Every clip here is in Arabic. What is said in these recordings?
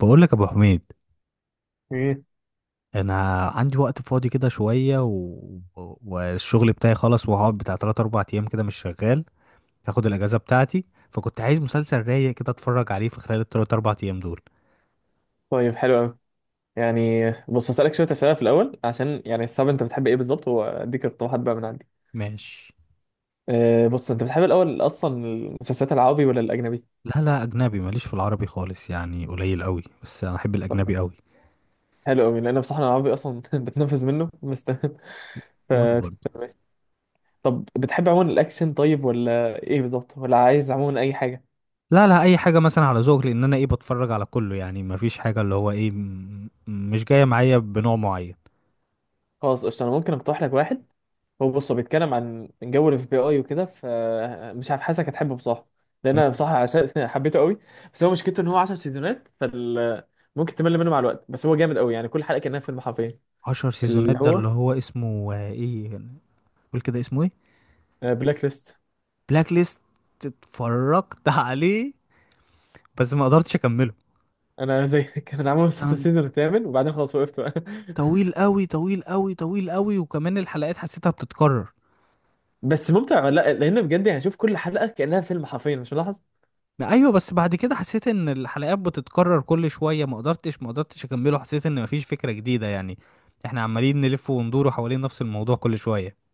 بقول لك يا ابو حميد، مم. انا عندي وقت فاضي كده شويه و... والشغل بتاعي خلص وهقعد بتاع 3 4 ايام كده مش شغال. هاخد الاجازه بتاعتي. فكنت عايز مسلسل رايق كده اتفرج عليه في خلال ال 3 4 ايام دول. طيب، حلو قوي. يعني بص هسألك شوية أسئلة في الأول عشان يعني الصعب أنت بتحب إيه بالظبط وأديك اقتراحات بقى من عندي. ماشي. أه بص، أنت بتحب الأول أصلا المسلسلات العربي ولا الأجنبي؟ لا، لا، اجنبي، ماليش في العربي خالص، يعني قليل قوي بس انا احب خلاص، الاجنبي قوي. حلو قوي لأن بصراحة أنا العربي أصلا بتنفذ منه، بس تمام. ف وانا برضه. ماشي. طب بتحب عموما الأكشن طيب، ولا إيه بالظبط، ولا عايز عموما أي حاجة؟ لا، لا، اي حاجه مثلا على ذوق، لان انا ايه بتفرج على كله، يعني مفيش حاجه اللي هو ايه مش جايه معايا بنوع معين. خلاص قشطة، أنا ممكن أقترح لك واحد. بص هو بيتكلم عن جو الاف بي اي وكده، فمش عارف حاسك هتحبه بصراحه. لان انا بصراحه عشان حبيته قوي. بس هو مشكلته ان هو 10 سيزونات، ممكن تمل منه مع الوقت، بس هو جامد قوي يعني كل حلقه كانها فيلم حرفيا. 10 سيزونات اللي ده هو اللي هو اسمه ايه، قول كده اسمه ايه. بلاك ليست. بلاك ليست. اتفرجت عليه بس ما قدرتش اكمله. انا زيك انا عامل وصلت كان السيزون الثامن وبعدين خلاص وقفت بقى. طويل قوي طويل قوي طويل قوي، وكمان الحلقات حسيتها بتتكرر. بس ممتع ولا لا؟ لان بجد يعني شوف كل حلقه كانها فيلم حرفيا، مش ملاحظ؟ ما ايوه، بس بعد كده حسيت ان الحلقات بتتكرر كل شويه، ما قدرتش اكمله، حسيت ان مفيش فكره جديده يعني. احنا عمالين نلف وندور حوالين نفس الموضوع كل شويه.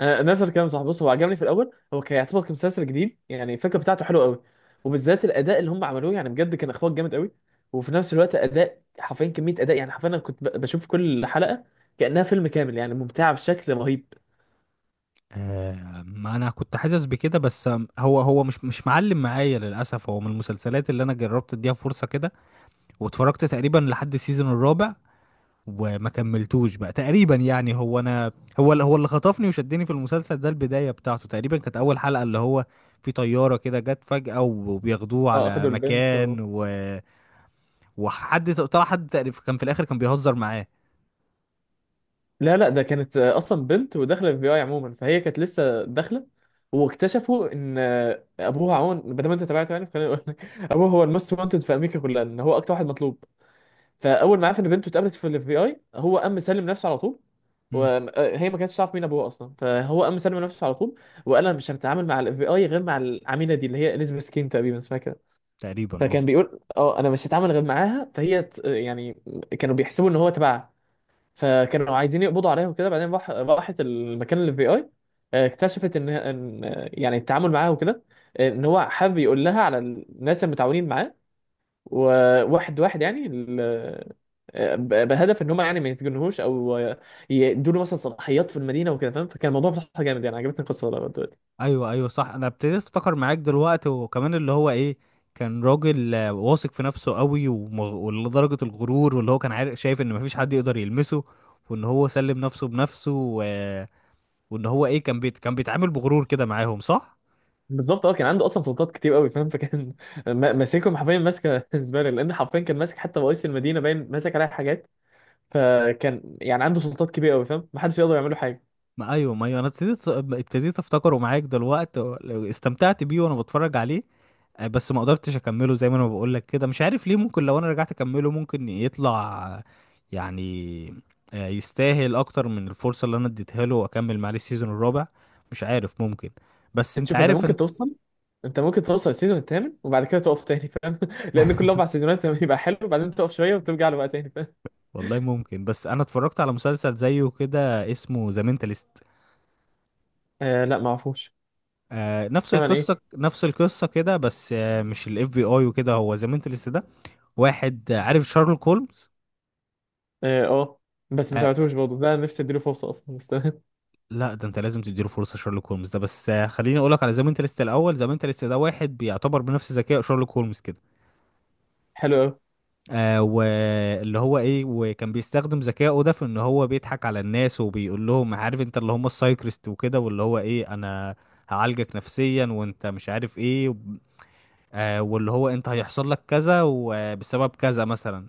نفس الكلام صح. بص هو عجبني في الاول، هو كان يعتبر كمسلسل جديد، يعني الفكره بتاعته حلوه قوي. وبالذات الاداء اللي هم عملوه، يعني بجد كان اخراج جامد قوي. وفي نفس الوقت اداء حرفيا، كميه اداء يعني حرفيا. انا كنت بشوف كل حلقه كانها فيلم كامل، يعني ممتعه بشكل رهيب. آه، ما انا كنت حاسس بكده بس. هو مش معلم معايا للاسف. هو من المسلسلات اللي انا جربت اديها فرصه كده، واتفرجت تقريبا لحد السيزون الرابع وما كملتوش بقى تقريبا. يعني هو اللي خطفني وشدني في المسلسل ده البداية بتاعته. تقريبا كانت اول حلقة اللي هو في طيارة كده جت فجأة وبياخدوه اه، على اخدوا البنت و... مكان و... وحد طلع، حد تقريبا كان في الاخر كان بيهزر معاه. لا لا، ده كانت اصلا بنت وداخله اف بي اي عموما، فهي كانت لسه داخله. واكتشفوا ان ابوها عموما، بدل ما انت تابعته يعني، فخليني اقول لك ابوه هو الموست وانتد في امريكا كلها، ان هو اكتر واحد مطلوب. فاول ما عرف ان بنته اتقابلت في الاف بي اي، هو قام مسلم نفسه على طول. امم وهي ما كانتش تعرف مين ابوه اصلا، فهو قام مسلم نفسه على طول. وقال انا مش هتعامل مع الاف بي اي غير مع العميله دي، اللي هي اليزابيث كين تقريبا اسمها كده. تقريبا اه. فكان بيقول اه انا مش هتعامل غير معاها. فهي يعني كانوا بيحسبوا ان هو تبعها، فكانوا عايزين يقبضوا عليها وكده. بعدين راحت المكان الاف بي اي، اكتشفت ان ان يعني التعامل معاها وكده، ان هو حابب يقول لها على الناس المتعاونين معاه. وواحد واحد يعني بهدف ان هم يعني ما يتجنهوش او يدوا له مثلا صلاحيات في المدينه وكده، فاهم؟ فكان الموضوع بصراحه جامد، يعني عجبتني القصه لغاية دلوقتي. ايوه ايوه صح، انا ابتديت افتكر معاك دلوقتي. وكمان اللي هو ايه، كان راجل واثق في نفسه قوي، ولدرجة الغرور، واللي هو كان عارف شايف ان مفيش حد يقدر يلمسه، وان هو سلم نفسه بنفسه و... وان هو ايه كان كان بيتعامل بغرور كده معاهم، صح. بالظبط اه، كان عنده اصلا سلطات كتير قوي، فاهم؟ فكان ماسكهم حرفيا، ماسكه زباله. لان حرفيا كان ماسك حتى رئيس المدينه، باين ماسك عليها حاجات. فكان يعني عنده سلطات كبيره قوي، فاهم؟ ما حدش يقدر يعمل له حاجه. ما ايوه ما ايوه، انا ابتديت افتكره معاك دلوقتي. استمتعت بيه وانا بتفرج عليه. بس ما قدرتش اكمله زي ما انا بقول لك كده، مش عارف ليه. ممكن لو انا رجعت اكمله ممكن يطلع يعني يستاهل اكتر من الفرصة اللي انا اديتها له واكمل معاه السيزون الرابع. مش عارف، ممكن. بس انت انت شوف، انت عارف ممكن انت. توصل انت ممكن توصل السيزون الثامن وبعد كده تقف تاني، فاهم؟ لان كل اربع سيزونات يبقى حلو، وبعدين تقف شويه وترجع له بقى تاني، فاهم؟ والله ممكن، بس انا اتفرجت على مسلسل زيه كده اسمه ذا مينتالست. آه لا، ما اعرفوش. آه نفس كمان ايه؟ القصة نفس القصة كده، بس آه مش الاف بي اي وكده. هو ذا مينتالست ده واحد عارف شارلوك هولمز؟ اه، آه. بس ما آه تابعتوش برضه، ده نفسي اديله فرصه اصلا، بس تمام. لا، ده انت لازم تديله فرصة. شارلوك هولمز ده بس خليني اقولك على ذا مينتالست الاول. ذا مينتالست ده واحد بيعتبر بنفس ذكاء شارلوك هولمز كده. حلو قوي. واللي هو ايه، وكان بيستخدم ذكائه ده في ان هو بيضحك على الناس، وبيقول لهم عارف انت اللي هم السايكريست وكده، واللي هو ايه انا هعالجك نفسيا وانت مش عارف ايه. واللي هو انت هيحصل لك كذا وبسبب كذا مثلا.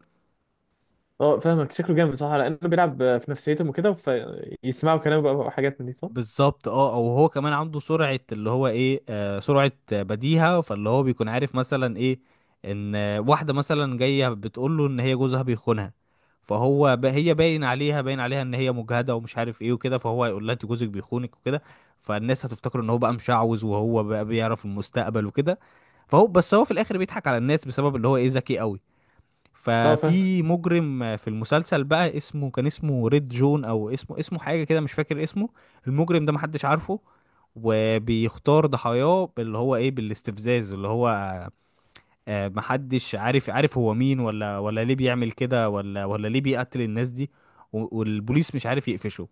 اه فاهمك، شكله جامد صح، لانه بيلعب في نفسيتهم وكده، فيسمعوا كلامه بقى وحاجات من دي، صح. بالظبط اه. او هو كمان عنده سرعة اللي هو ايه سرعة بديهة. فاللي هو بيكون عارف مثلا ايه ان واحدة مثلا جاية بتقول له ان هي جوزها بيخونها، فهو هي باين عليها باين عليها ان هي مجهدة ومش عارف ايه وكده، فهو هيقول لها انت جوزك بيخونك وكده. فالناس هتفتكر ان هو بقى مشعوذ وهو بقى بيعرف المستقبل وكده. فهو بس هو في الاخر بيضحك على الناس بسبب اللي هو ايه ذكي قوي. اه فاهم. ففي مجرم في المسلسل بقى اسمه، كان اسمه ريد جون او اسمه حاجه كده مش فاكر اسمه. المجرم ده محدش عارفه، وبيختار ضحاياه اللي هو ايه بالاستفزاز. اللي هو محدش عارف، عارف هو مين ولا ليه بيعمل كده ولا ليه بيقتل الناس دي. والبوليس مش عارف يقفشه.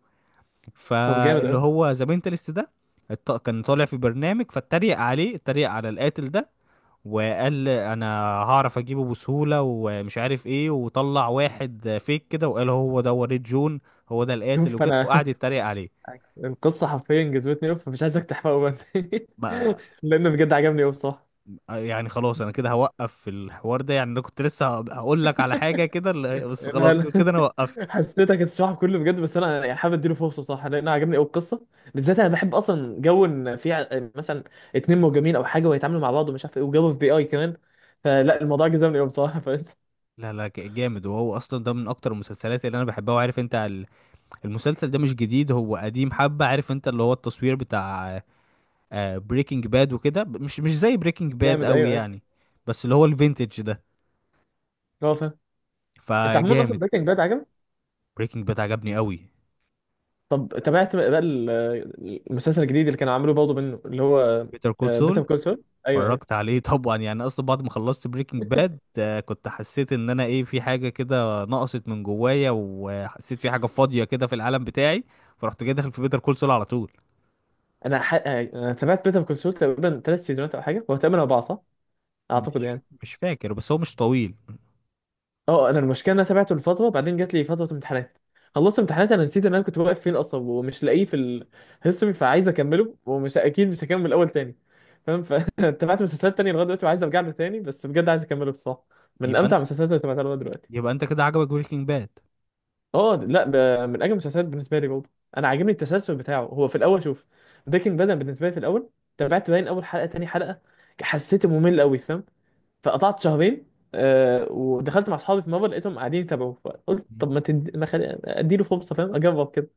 طب جامد فاللي قوي. هو ذا مينتالست ده كان طالع في برنامج فاتريق عليه، اتريق على القاتل ده، وقال انا هعرف اجيبه بسهولة ومش عارف ايه. وطلع واحد فيك كده وقال هو ده وليد جون، هو ده القاتل شوف وكده، انا وقعد يتريق عليه. القصه حرفيا جذبتني قوي، فمش عايزك تحرقه بقى. ما لانه بجد عجبني قوي بصراحه. يعني خلاص، انا كده هوقف في الحوار ده. يعني انا كنت لسه هقول لك على حاجة كده بس انا خلاص، كده كده أنا انا وقفت. حسيتك هتشرح كله بجد. بس انا يعني حابب اديله فرصه، صح، لان أنا عجبني قوي القصه. بالذات انا بحب اصلا جو ان في مثلا اتنين مهاجمين او حاجه ويتعاملوا مع بعض ومش عارف ايه، وجو في بي اي كمان. فلا، الموضوع جذبني قوي بصراحه. فلسه لا لا، جامد. وهو اصلا ده من اكتر المسلسلات اللي انا بحبها. وعارف انت المسلسل ده مش جديد، هو قديم حبة. عارف انت اللي هو التصوير بتاع بريكنج باد وكده، مش زي بريكنج باد جامد، قوي ايوه ايوه. يعني، بس اللي هو الفينتج ده هو فاهم. انت عموما اصلا فجامد. بريكنج باد عجبك؟ بريكنج باد عجبني قوي. طب تابعت بقى المسلسل الجديد اللي كانوا عاملوه برضه منه، اللي هو بيتر كول بيتر سول كول سول؟ ايوه اتفرجت ايوه. عليه طبعا، يعني اصلا بعد ما خلصت بريكنج باد كنت حسيت ان انا ايه في حاجه كده نقصت من جوايا، وحسيت في حاجه فاضيه كده في العالم بتاعي، فرحت جاي داخل في بيتر كول سول على طول. انا ح... آه، انا تابعت بيتر كول سول تقريبا 3 سيزونات او حاجه، هو تقريبا اربعه صح، اعتقد مش يعني. مش فاكر بس هو مش طويل. اه، انا المشكله إن انا تابعته لفتره بعدين جات لي فتره امتحانات. خلصت امتحانات انا نسيت ان انا كنت واقف فين اصلا، ومش لاقيه في الهيستوري. فعايز اكمله ومش اكيد، مش هكمل الاول تاني، فاهم؟ فتابعت مسلسلات تانية لغايه دلوقتي، وعايز ارجع له تاني، بس بجد عايز اكمله بصراحه. من يبقى امتع انت، المسلسلات اللي تابعتها لغايه دلوقتي. يبقى انت كده عجبك بريكنج باد. اه لا، ده من اجمل المسلسلات بالنسبه لي برضه. انا عاجبني التسلسل بتاعه. هو في الاول شوف، بريكنج باد أنا بالنسبه لي في الاول تابعت باين اول حلقه تاني حلقه، حسيت ممل قوي، فاهم؟ فقطعت شهرين. آه، ودخلت مع اصحابي في مره لقيتهم قاعدين يتابعوا، فقلت طب ما تدي ما خلي... اديله فرصه، فاهم، اجرب كده.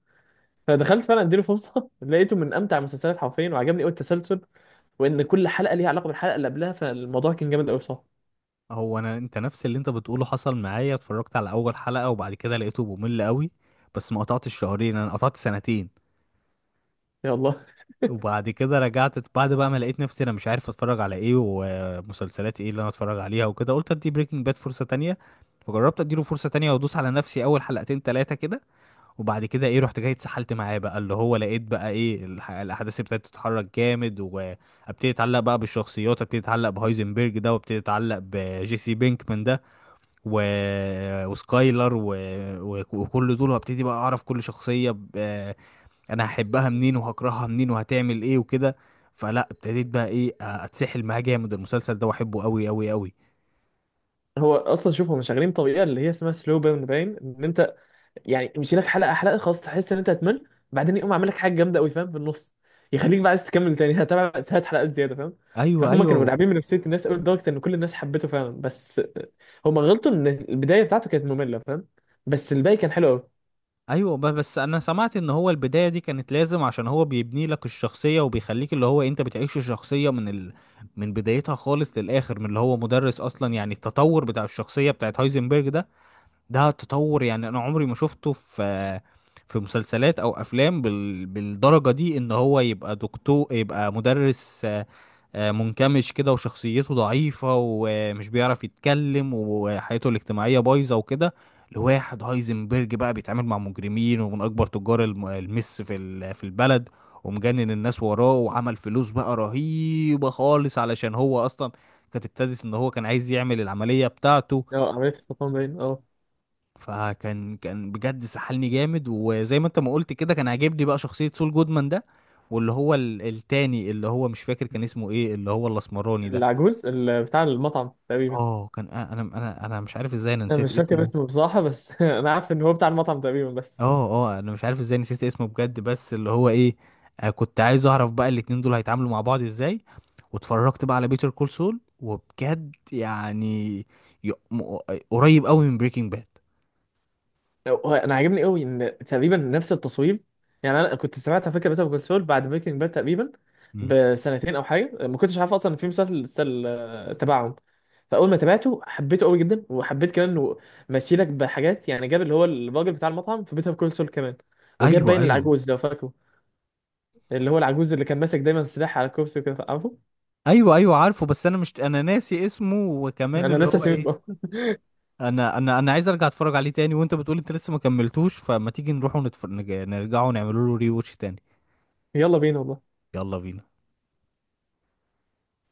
فدخلت فعلا اديله فرصه، لقيته من امتع المسلسلات حرفيا، وعجبني قوي التسلسل، وان كل حلقه ليها علاقه بالحلقه اللي قبلها، فالموضوع كان جامد قوي، صح. هو انا، انت نفس اللي انت بتقوله حصل معايا. اتفرجت على اول حلقه وبعد كده لقيته ممل قوي، بس ما قطعتش شهرين، انا قطعت سنتين. يا الله. وبعد كده رجعت. بعد بقى ما لقيت نفسي انا مش عارف اتفرج على ايه ومسلسلات ايه اللي انا اتفرج عليها وكده، قلت ادي بريكنج باد فرصة تانية. فجربت اديله فرصة تانية وادوس على نفسي اول حلقتين تلاتة كده. وبعد كده ايه، رحت جاي اتسحلت معاه بقى. اللي هو لقيت بقى ايه الاحداث ابتدت تتحرك جامد، وابتدي اتعلق بقى بالشخصيات، ابتدي اتعلق بهايزنبرج ده، وابتدي اتعلق بجيسي بينكمان ده و... وسكايلر و... و... وكل دول. وابتدي بقى اعرف كل شخصية انا هحبها منين وهكرهها منين وهتعمل ايه وكده. فلا ابتديت بقى ايه اتسحل معاه جامد المسلسل ده، واحبه قوي قوي قوي. هو اصلا شوف هم شغالين بطريقه اللي هي اسمها سلو بيرن. باين ان انت يعني يمشي لك حلقه حلقه، خلاص تحس ان انت هتمل، بعدين يقوم عامل لك حاجه جامده قوي فاهم، في النص، يخليك بقى عايز تكمل تاني هتابع هات حلقات زياده، فاهم؟ ايوه فهم كانوا ايوه لاعبين بنفسيه الناس قوي، لدرجه ان كل الناس حبته فعلا. بس هم غلطوا ان البدايه بتاعته كانت ممله، فاهم؟ بس الباقي كان حلو قوي. ايوه بس انا سمعت ان هو البدايه دي كانت لازم، عشان هو بيبني لك الشخصيه وبيخليك اللي هو انت بتعيش الشخصيه من من بدايتها خالص للاخر. من اللي هو مدرس اصلا، يعني التطور بتاع الشخصيه بتاعت هايزنبرج ده، ده تطور يعني انا عمري ما شفته في في مسلسلات او افلام بالدرجة دي. ان هو يبقى دكتور، يبقى مدرس منكمش كده وشخصيته ضعيفة ومش بيعرف يتكلم وحياته الاجتماعية بايظة وكده، لواحد هايزنبرج بقى بيتعامل مع مجرمين ومن أكبر تجار المس في في البلد، ومجنن الناس وراه، وعمل فلوس بقى رهيبة خالص. علشان هو أصلا كانت ابتدت إن هو كان عايز يعمل العملية بتاعته. اه، عمليه السرطان باين، اه. فكان بجد سحلني جامد. وزي ما انت ما قلت كده، كان عاجبني بقى شخصية سول جودمان ده، واللي هو التاني اللي هو مش فاكر كان اسمه ايه، اللي هو الاسمراني ده. العجوز بتاع المطعم تقريبا. اه كان، انا مش عارف ازاي انا انا نسيت مش فاكر اسمه. اسمه بصراحه، بس انا عارف ان هو بتاع المطعم تقريبا بس. اه اه، مش عارف ازاي نسيت اسمه بجد. بس اللي هو ايه كنت عايز اعرف بقى الاتنين دول هيتعاملوا مع بعض ازاي. واتفرجت بقى على بيتر كول سول وبجد يعني ي- م- قريب قوي من بريكنج باد. هو انا عاجبني قوي ان تقريبا نفس التصوير. يعني انا كنت سمعت على فكره بيتر كول سول بعد بريكنج باد تقريبا بسنتين او حاجه. ما كنتش عارف اصلا ان في مسلسل مسلسل، آه، تبعهم. فاول ما تابعته حبيته قوي جدا، وحبيت كمان انه ماشي لك بحاجات، يعني جاب اللي هو الراجل بتاع المطعم في بيتر كول سول كمان. وجاب ايوه باين ايوه. العجوز لو فاكره، اللي هو العجوز اللي كان ماسك دايما سلاح على الكرسي وكده، عارفه؟ ايوه ايوه عارفه، بس انا مش انا ناسي اسمه. وكمان انا اللي ناسي هو اسمه ايه بقى. انا عايز ارجع اتفرج عليه تاني. وانت بتقول انت لسه ما كملتوش، فما تيجي نروح ونتفرج نرجعه ونعمله له ري واتش تاني. يلا بينا والله. يلا بينا.